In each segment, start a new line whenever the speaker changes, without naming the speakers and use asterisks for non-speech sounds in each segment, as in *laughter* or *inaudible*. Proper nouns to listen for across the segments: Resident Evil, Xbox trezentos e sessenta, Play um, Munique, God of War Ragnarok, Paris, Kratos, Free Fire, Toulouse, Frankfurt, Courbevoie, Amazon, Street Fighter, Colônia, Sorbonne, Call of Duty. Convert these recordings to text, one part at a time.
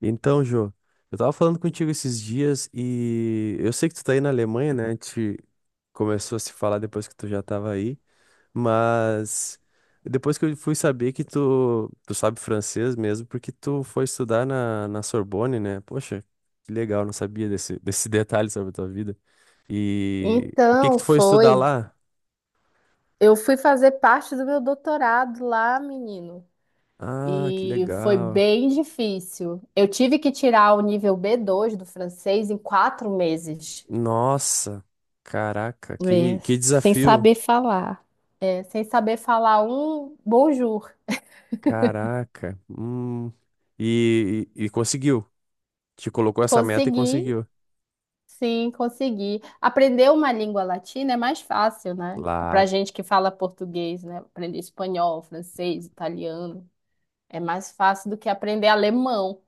Então, Jô, eu tava falando contigo esses dias e eu sei que tu tá aí na Alemanha, né? A gente começou a se falar depois que tu já tava aí, mas depois que eu fui saber que tu sabe francês mesmo, porque tu foi estudar na Sorbonne, né? Poxa, que legal, não sabia desse, *laughs* desse detalhe sobre a tua vida. E o que que
Então,
tu foi estudar
foi.
lá?
Eu fui fazer parte do meu doutorado lá, menino.
Ah, que
E foi
legal.
bem difícil. Eu tive que tirar o nível B2 do francês em 4 meses.
Nossa, caraca, que,
É,
que
sem
desafio.
saber falar. É, sem saber falar um bonjour.
Caraca. Hum. E conseguiu. Te colocou essa meta e
Consegui,
conseguiu.
sim, consegui. Aprender uma língua latina é mais fácil, né? Pra
Claro.
gente que fala português, né? Aprender espanhol, francês, italiano. É mais fácil do que aprender alemão.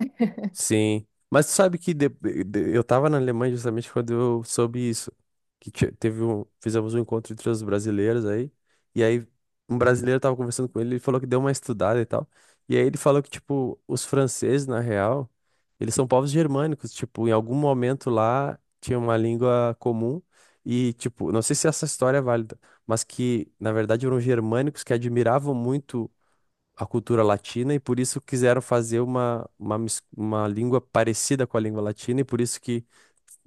Sim, mas tu sabe que eu tava na Alemanha justamente quando eu soube isso, que teve um, fizemos um encontro entre os brasileiros aí, e aí um brasileiro tava conversando com ele, ele falou que deu uma estudada e tal, e aí ele falou que, tipo, os franceses, na real, eles são povos germânicos, tipo, em algum momento lá tinha uma língua comum, e, tipo, não sei se essa história é válida, mas que, na verdade, eram germânicos que admiravam muito a cultura latina e por isso quiseram fazer uma língua parecida com a língua latina e por isso que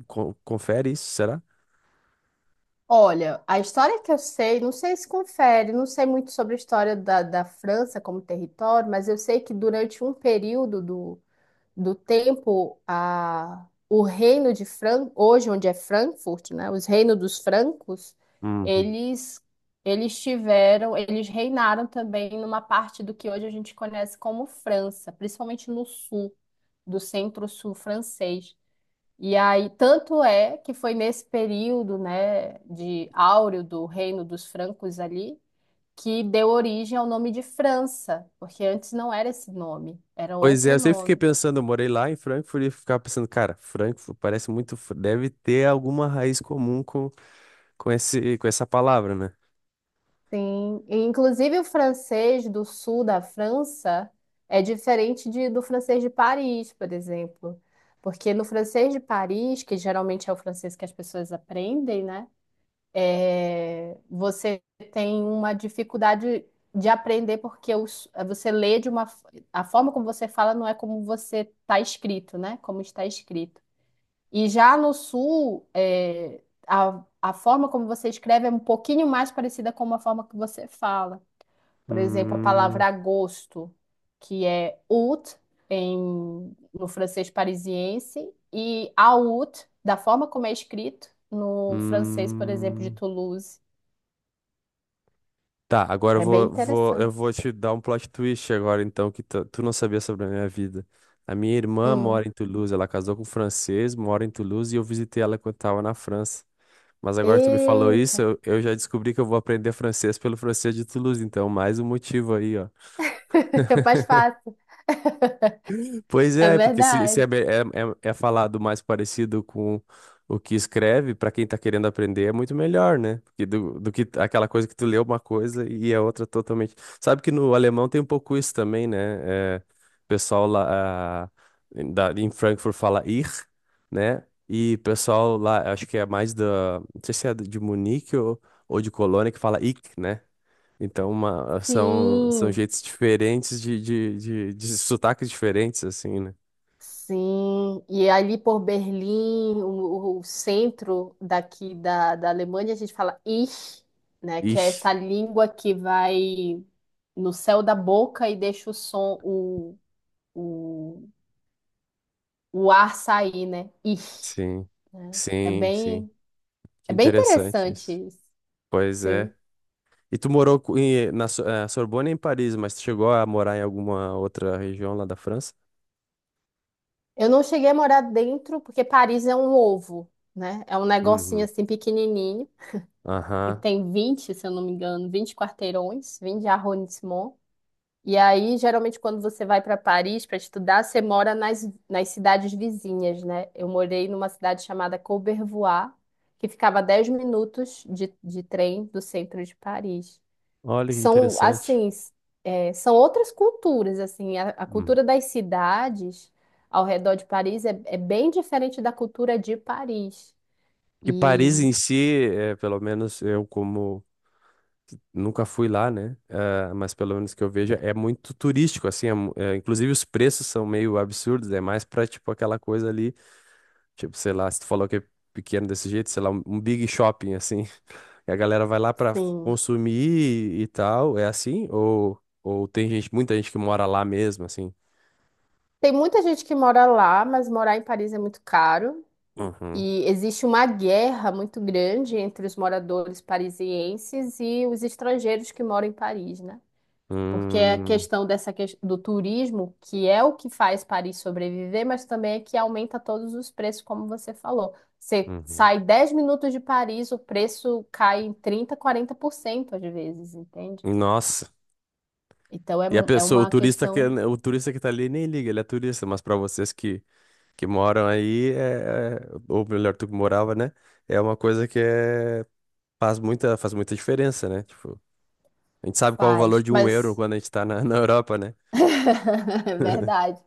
confere isso, será?
Olha, a história que eu sei, não sei se confere, não sei muito sobre a história da França como território, mas eu sei que durante um período do tempo, o reino de Fran, hoje onde é Frankfurt, né, os reinos dos francos,
Uhum.
eles, eles tiveram, eles reinaram também numa parte do que hoje a gente conhece como França, principalmente no sul, do centro-sul francês. E aí, tanto é que foi nesse período, né, de áureo do reino dos francos ali, que deu origem ao nome de França, porque antes não era esse nome, era
Pois é,
outro
eu sempre fiquei
nome.
pensando, eu morei lá em Frankfurt e ficava pensando, cara, Frankfurt parece muito, deve ter alguma raiz comum com esse, com essa palavra, né?
Sim, e inclusive o francês do sul da França é diferente de, do francês de Paris, por exemplo. Porque no francês de Paris, que geralmente é o francês que as pessoas aprendem, né? É, você tem uma dificuldade de aprender porque você lê de uma a forma como você fala não é como você está escrito, né? Como está escrito. E já no sul, é, a forma como você escreve é um pouquinho mais parecida com a forma que você fala. Por exemplo, a palavra
Hum,
agosto, que é août em, no francês parisiense, e août, da forma como é escrito no francês, por exemplo, de
hum.
Toulouse.
Tá, agora
É bem
eu vou
interessante.
te dar um plot twist agora, então, que tu não sabia sobre a minha vida. A minha irmã
Hum.
mora em Toulouse, ela casou com um francês, mora em Toulouse e eu visitei ela quando tava na França. Mas agora que tu me falou
Eita,
isso, eu já descobri que eu vou aprender francês pelo francês de Toulouse, então mais um motivo aí, ó.
*laughs* é mais fácil.
Pois
É
é, porque se
verdade.
é, é, é falado mais parecido com o que escreve, para quem tá querendo aprender, é muito melhor, né? Porque do que aquela coisa que tu lê uma coisa e é outra totalmente. Sabe que no alemão tem um pouco isso também, né? É, o pessoal lá em Frankfurt fala ir, né? E o pessoal lá, acho que é mais da. Não sei se é de Munique ou de Colônia que fala ich, né? Então, são
Sim,
jeitos diferentes de sotaques diferentes, assim, né?
sim. E ali por Berlim, o centro daqui da Alemanha, a gente fala Ich, né? Que é
Ixi,
essa língua que vai no céu da boca e deixa o som, o, o ar sair, né? Ich,
sim,
né?
sim, sim. Que
É bem
interessante
interessante
isso.
isso.
Pois é.
Sim.
E tu morou na Sorbonne é em Paris, mas tu chegou a morar em alguma outra região lá da França?
Eu não cheguei a morar dentro, porque Paris é um ovo, né? É um negocinho
Uhum.
assim pequenininho, que
Aham.
tem 20, se eu não me engano, 20 quarteirões, 20 arrondissements. E aí, geralmente, quando você vai para Paris para estudar, você mora nas cidades vizinhas, né? Eu morei numa cidade chamada Courbevoie, que ficava 10 minutos de trem do centro de Paris,
Olha que
são
interessante.
assim, é, são outras culturas, assim, a
Uhum.
cultura das cidades ao redor de Paris é, é bem diferente da cultura de Paris.
Que Paris
E
em si, é, pelo menos eu, como nunca fui lá, né? Ah, mas pelo menos que eu veja, é muito turístico, assim. É, inclusive, os preços são meio absurdos. É mais pra, tipo, aquela coisa ali. Tipo, sei lá, se tu falou que é pequeno desse jeito, sei lá, um big shopping, assim. *laughs* E a galera vai lá pra
sim,
consumir e tal. É assim? Ou tem gente, muita gente que mora lá mesmo, assim?
tem muita gente que mora lá, mas morar em Paris é muito caro.
Uhum.
E existe uma guerra muito grande entre os moradores parisienses e os estrangeiros que moram em Paris, né? Porque a
Hum,
questão dessa do turismo, que é o que faz Paris sobreviver, mas também é que aumenta todos os preços, como você falou. Você
uhum.
sai 10 minutos de Paris, o preço cai em 30, 40% às vezes, entende?
Nossa.
Então é,
E a
é
pessoa,
uma questão.
o turista que tá ali nem liga, ele é turista, mas pra vocês que moram aí, ou melhor, tu que morava, né? É uma coisa que é, faz muita diferença, né? Tipo, a gente sabe qual é o valor
Faz,
de um euro
mas
quando a gente tá na, *laughs* na Europa, né?
*laughs* é
*laughs*
verdade,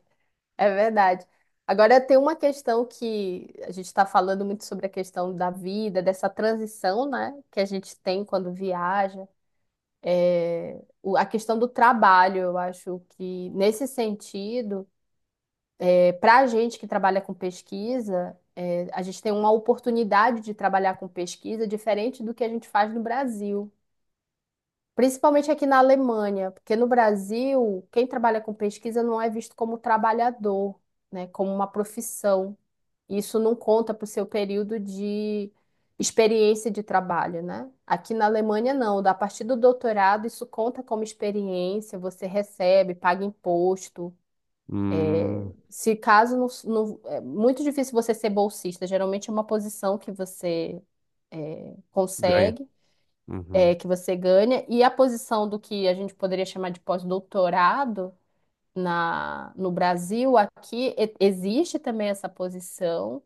é verdade. Agora tem uma questão que a gente está falando muito sobre a questão da vida, dessa transição, né, que a gente tem quando viaja, a questão do trabalho, eu acho que nesse sentido, é, para a gente que trabalha com pesquisa, é, a gente tem uma oportunidade de trabalhar com pesquisa diferente do que a gente faz no Brasil, principalmente aqui na Alemanha, porque no Brasil, quem trabalha com pesquisa não é visto como trabalhador, né, como uma profissão. Isso não conta para o seu período de experiência de trabalho, né? Aqui na Alemanha, não. A partir do doutorado, isso conta como experiência, você recebe, paga imposto.
Hum,
Se caso é muito difícil você ser bolsista, geralmente é uma posição que você
ganha.
consegue, é,
Uhum.
que você ganha, e a posição do que a gente poderia chamar de pós-doutorado no Brasil, aqui existe também essa posição.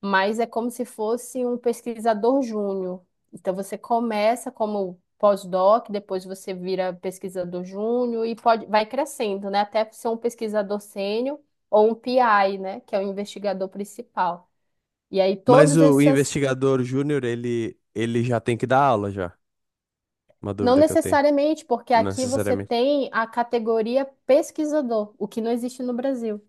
Mas é como se fosse um pesquisador júnior. Então você começa como pós-doc, depois você vira pesquisador júnior e pode, vai crescendo, né? Até ser um pesquisador sênior ou um PI, né? Que é o investigador principal. E aí
Mas
todas
o
essas,
investigador júnior, ele já tem que dar aula já. Uma
não
dúvida que eu tenho.
necessariamente, porque
Não
aqui você
necessariamente.
tem a categoria pesquisador, o que não existe no Brasil.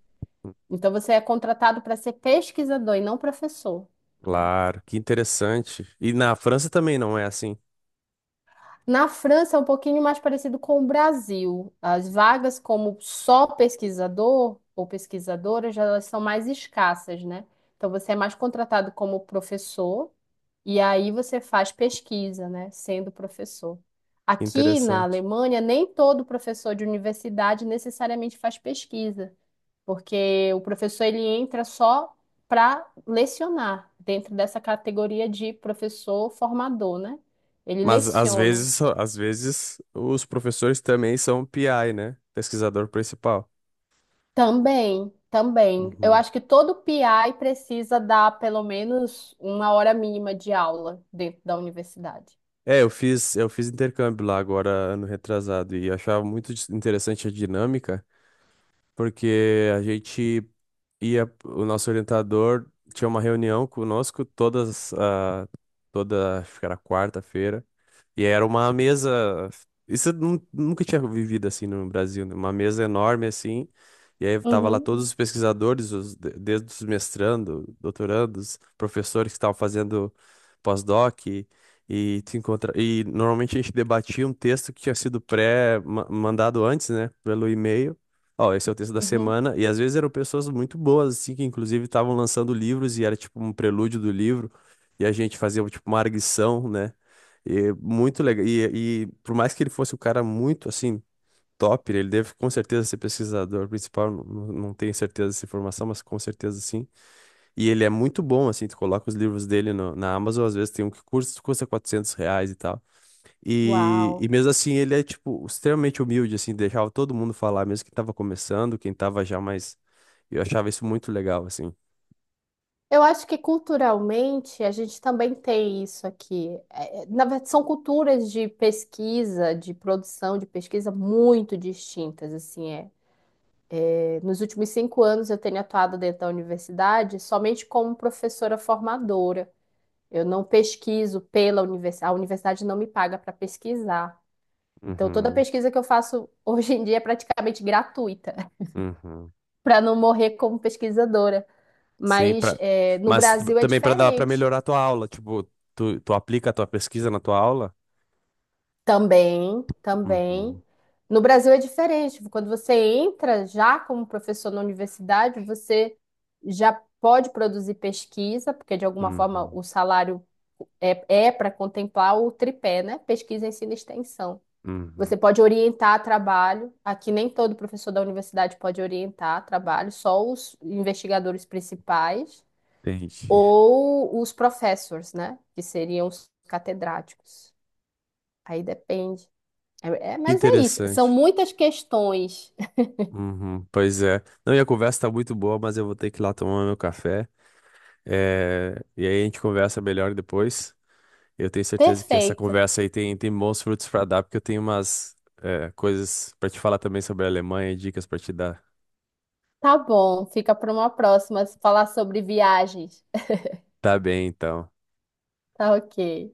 Então você é contratado para ser pesquisador e não professor. Né?
Claro, que interessante. E na França também não é assim.
Na França é um pouquinho mais parecido com o Brasil. As vagas como só pesquisador ou pesquisadora já elas são mais escassas, né? Então você é mais contratado como professor e aí você faz pesquisa, né, sendo professor.
Que
Aqui na
interessante.
Alemanha, nem todo professor de universidade necessariamente faz pesquisa, porque o professor ele entra só para lecionar dentro dessa categoria de professor formador, né? Ele
Mas às
leciona.
vezes, às vezes os professores também são PI, né? Pesquisador principal.
Também, também. Eu
Uhum.
acho que todo PI precisa dar pelo menos uma hora mínima de aula dentro da universidade.
É, eu fiz intercâmbio lá agora, ano retrasado, e eu achava muito interessante a dinâmica. Porque a gente ia, o nosso orientador tinha uma reunião conosco toda, acho que era quarta-feira, e era uma mesa, isso eu nunca tinha vivido assim no Brasil, né? Uma mesa enorme assim, e aí tava lá
Uhum,
todos os pesquisadores, desde os mestrando, doutorandos, professores que estavam fazendo pós-doc, e normalmente a gente debatia um texto que tinha sido pré-mandado antes, né, pelo e-mail. Ó, esse é o texto da
uhum.
semana, e às vezes eram pessoas muito boas, assim, que inclusive estavam lançando livros e era tipo um prelúdio do livro, e a gente fazia tipo uma arguição, né? E muito legal. E por mais que ele fosse um cara muito, assim, top, ele deve com certeza ser pesquisador principal, não tenho certeza dessa informação, mas com certeza sim. E ele é muito bom, assim, tu coloca os livros dele na Amazon, às vezes tem um que custa 400 reais e tal. E
Uau.
mesmo assim ele é, tipo, extremamente humilde, assim, deixava todo mundo falar, mesmo quem tava começando, quem tava já mais... Eu achava isso muito legal, assim.
Eu acho que culturalmente a gente também tem isso aqui. É, é, na verdade, são culturas de pesquisa, de produção de pesquisa muito distintas, assim, é. É, nos últimos 5 anos eu tenho atuado dentro da universidade somente como professora formadora. Eu não pesquiso pela universidade, a universidade não me paga para pesquisar. Então, toda
Uhum,
pesquisa que eu faço *laughs* hoje em dia é praticamente gratuita, *laughs*
uhum.
para não morrer como pesquisadora.
Sim,
Mas
pra...
é, no
Mas
Brasil é
também pra dar para
diferente.
melhorar a tua aula, tipo, tu aplica a tua pesquisa na tua aula?
Também, também.
Uhum,
No Brasil é diferente. Quando você entra já como professor na universidade, você já pode produzir pesquisa, porque de alguma forma
uhum,
o salário é, é para contemplar o tripé, né? Pesquisa, ensino e extensão.
uhum.
Você pode orientar trabalho. Aqui nem todo professor da universidade pode orientar trabalho, só os investigadores principais
Entendi.
ou os professors, né? Que seriam os catedráticos. Aí depende. É, é,
Que
mas é isso. São
interessante.
muitas questões.
Uhum, pois é. Não, e a conversa tá muito boa, mas eu vou ter que ir lá tomar meu café. É... E aí a gente conversa melhor depois. Eu tenho
*laughs*
certeza que essa
Perfeito.
conversa aí tem bons frutos para dar, porque eu tenho umas coisas para te falar também sobre a Alemanha, dicas para te dar.
Tá bom. Fica para uma próxima falar sobre viagens.
Tá bem, então.
Tá ok.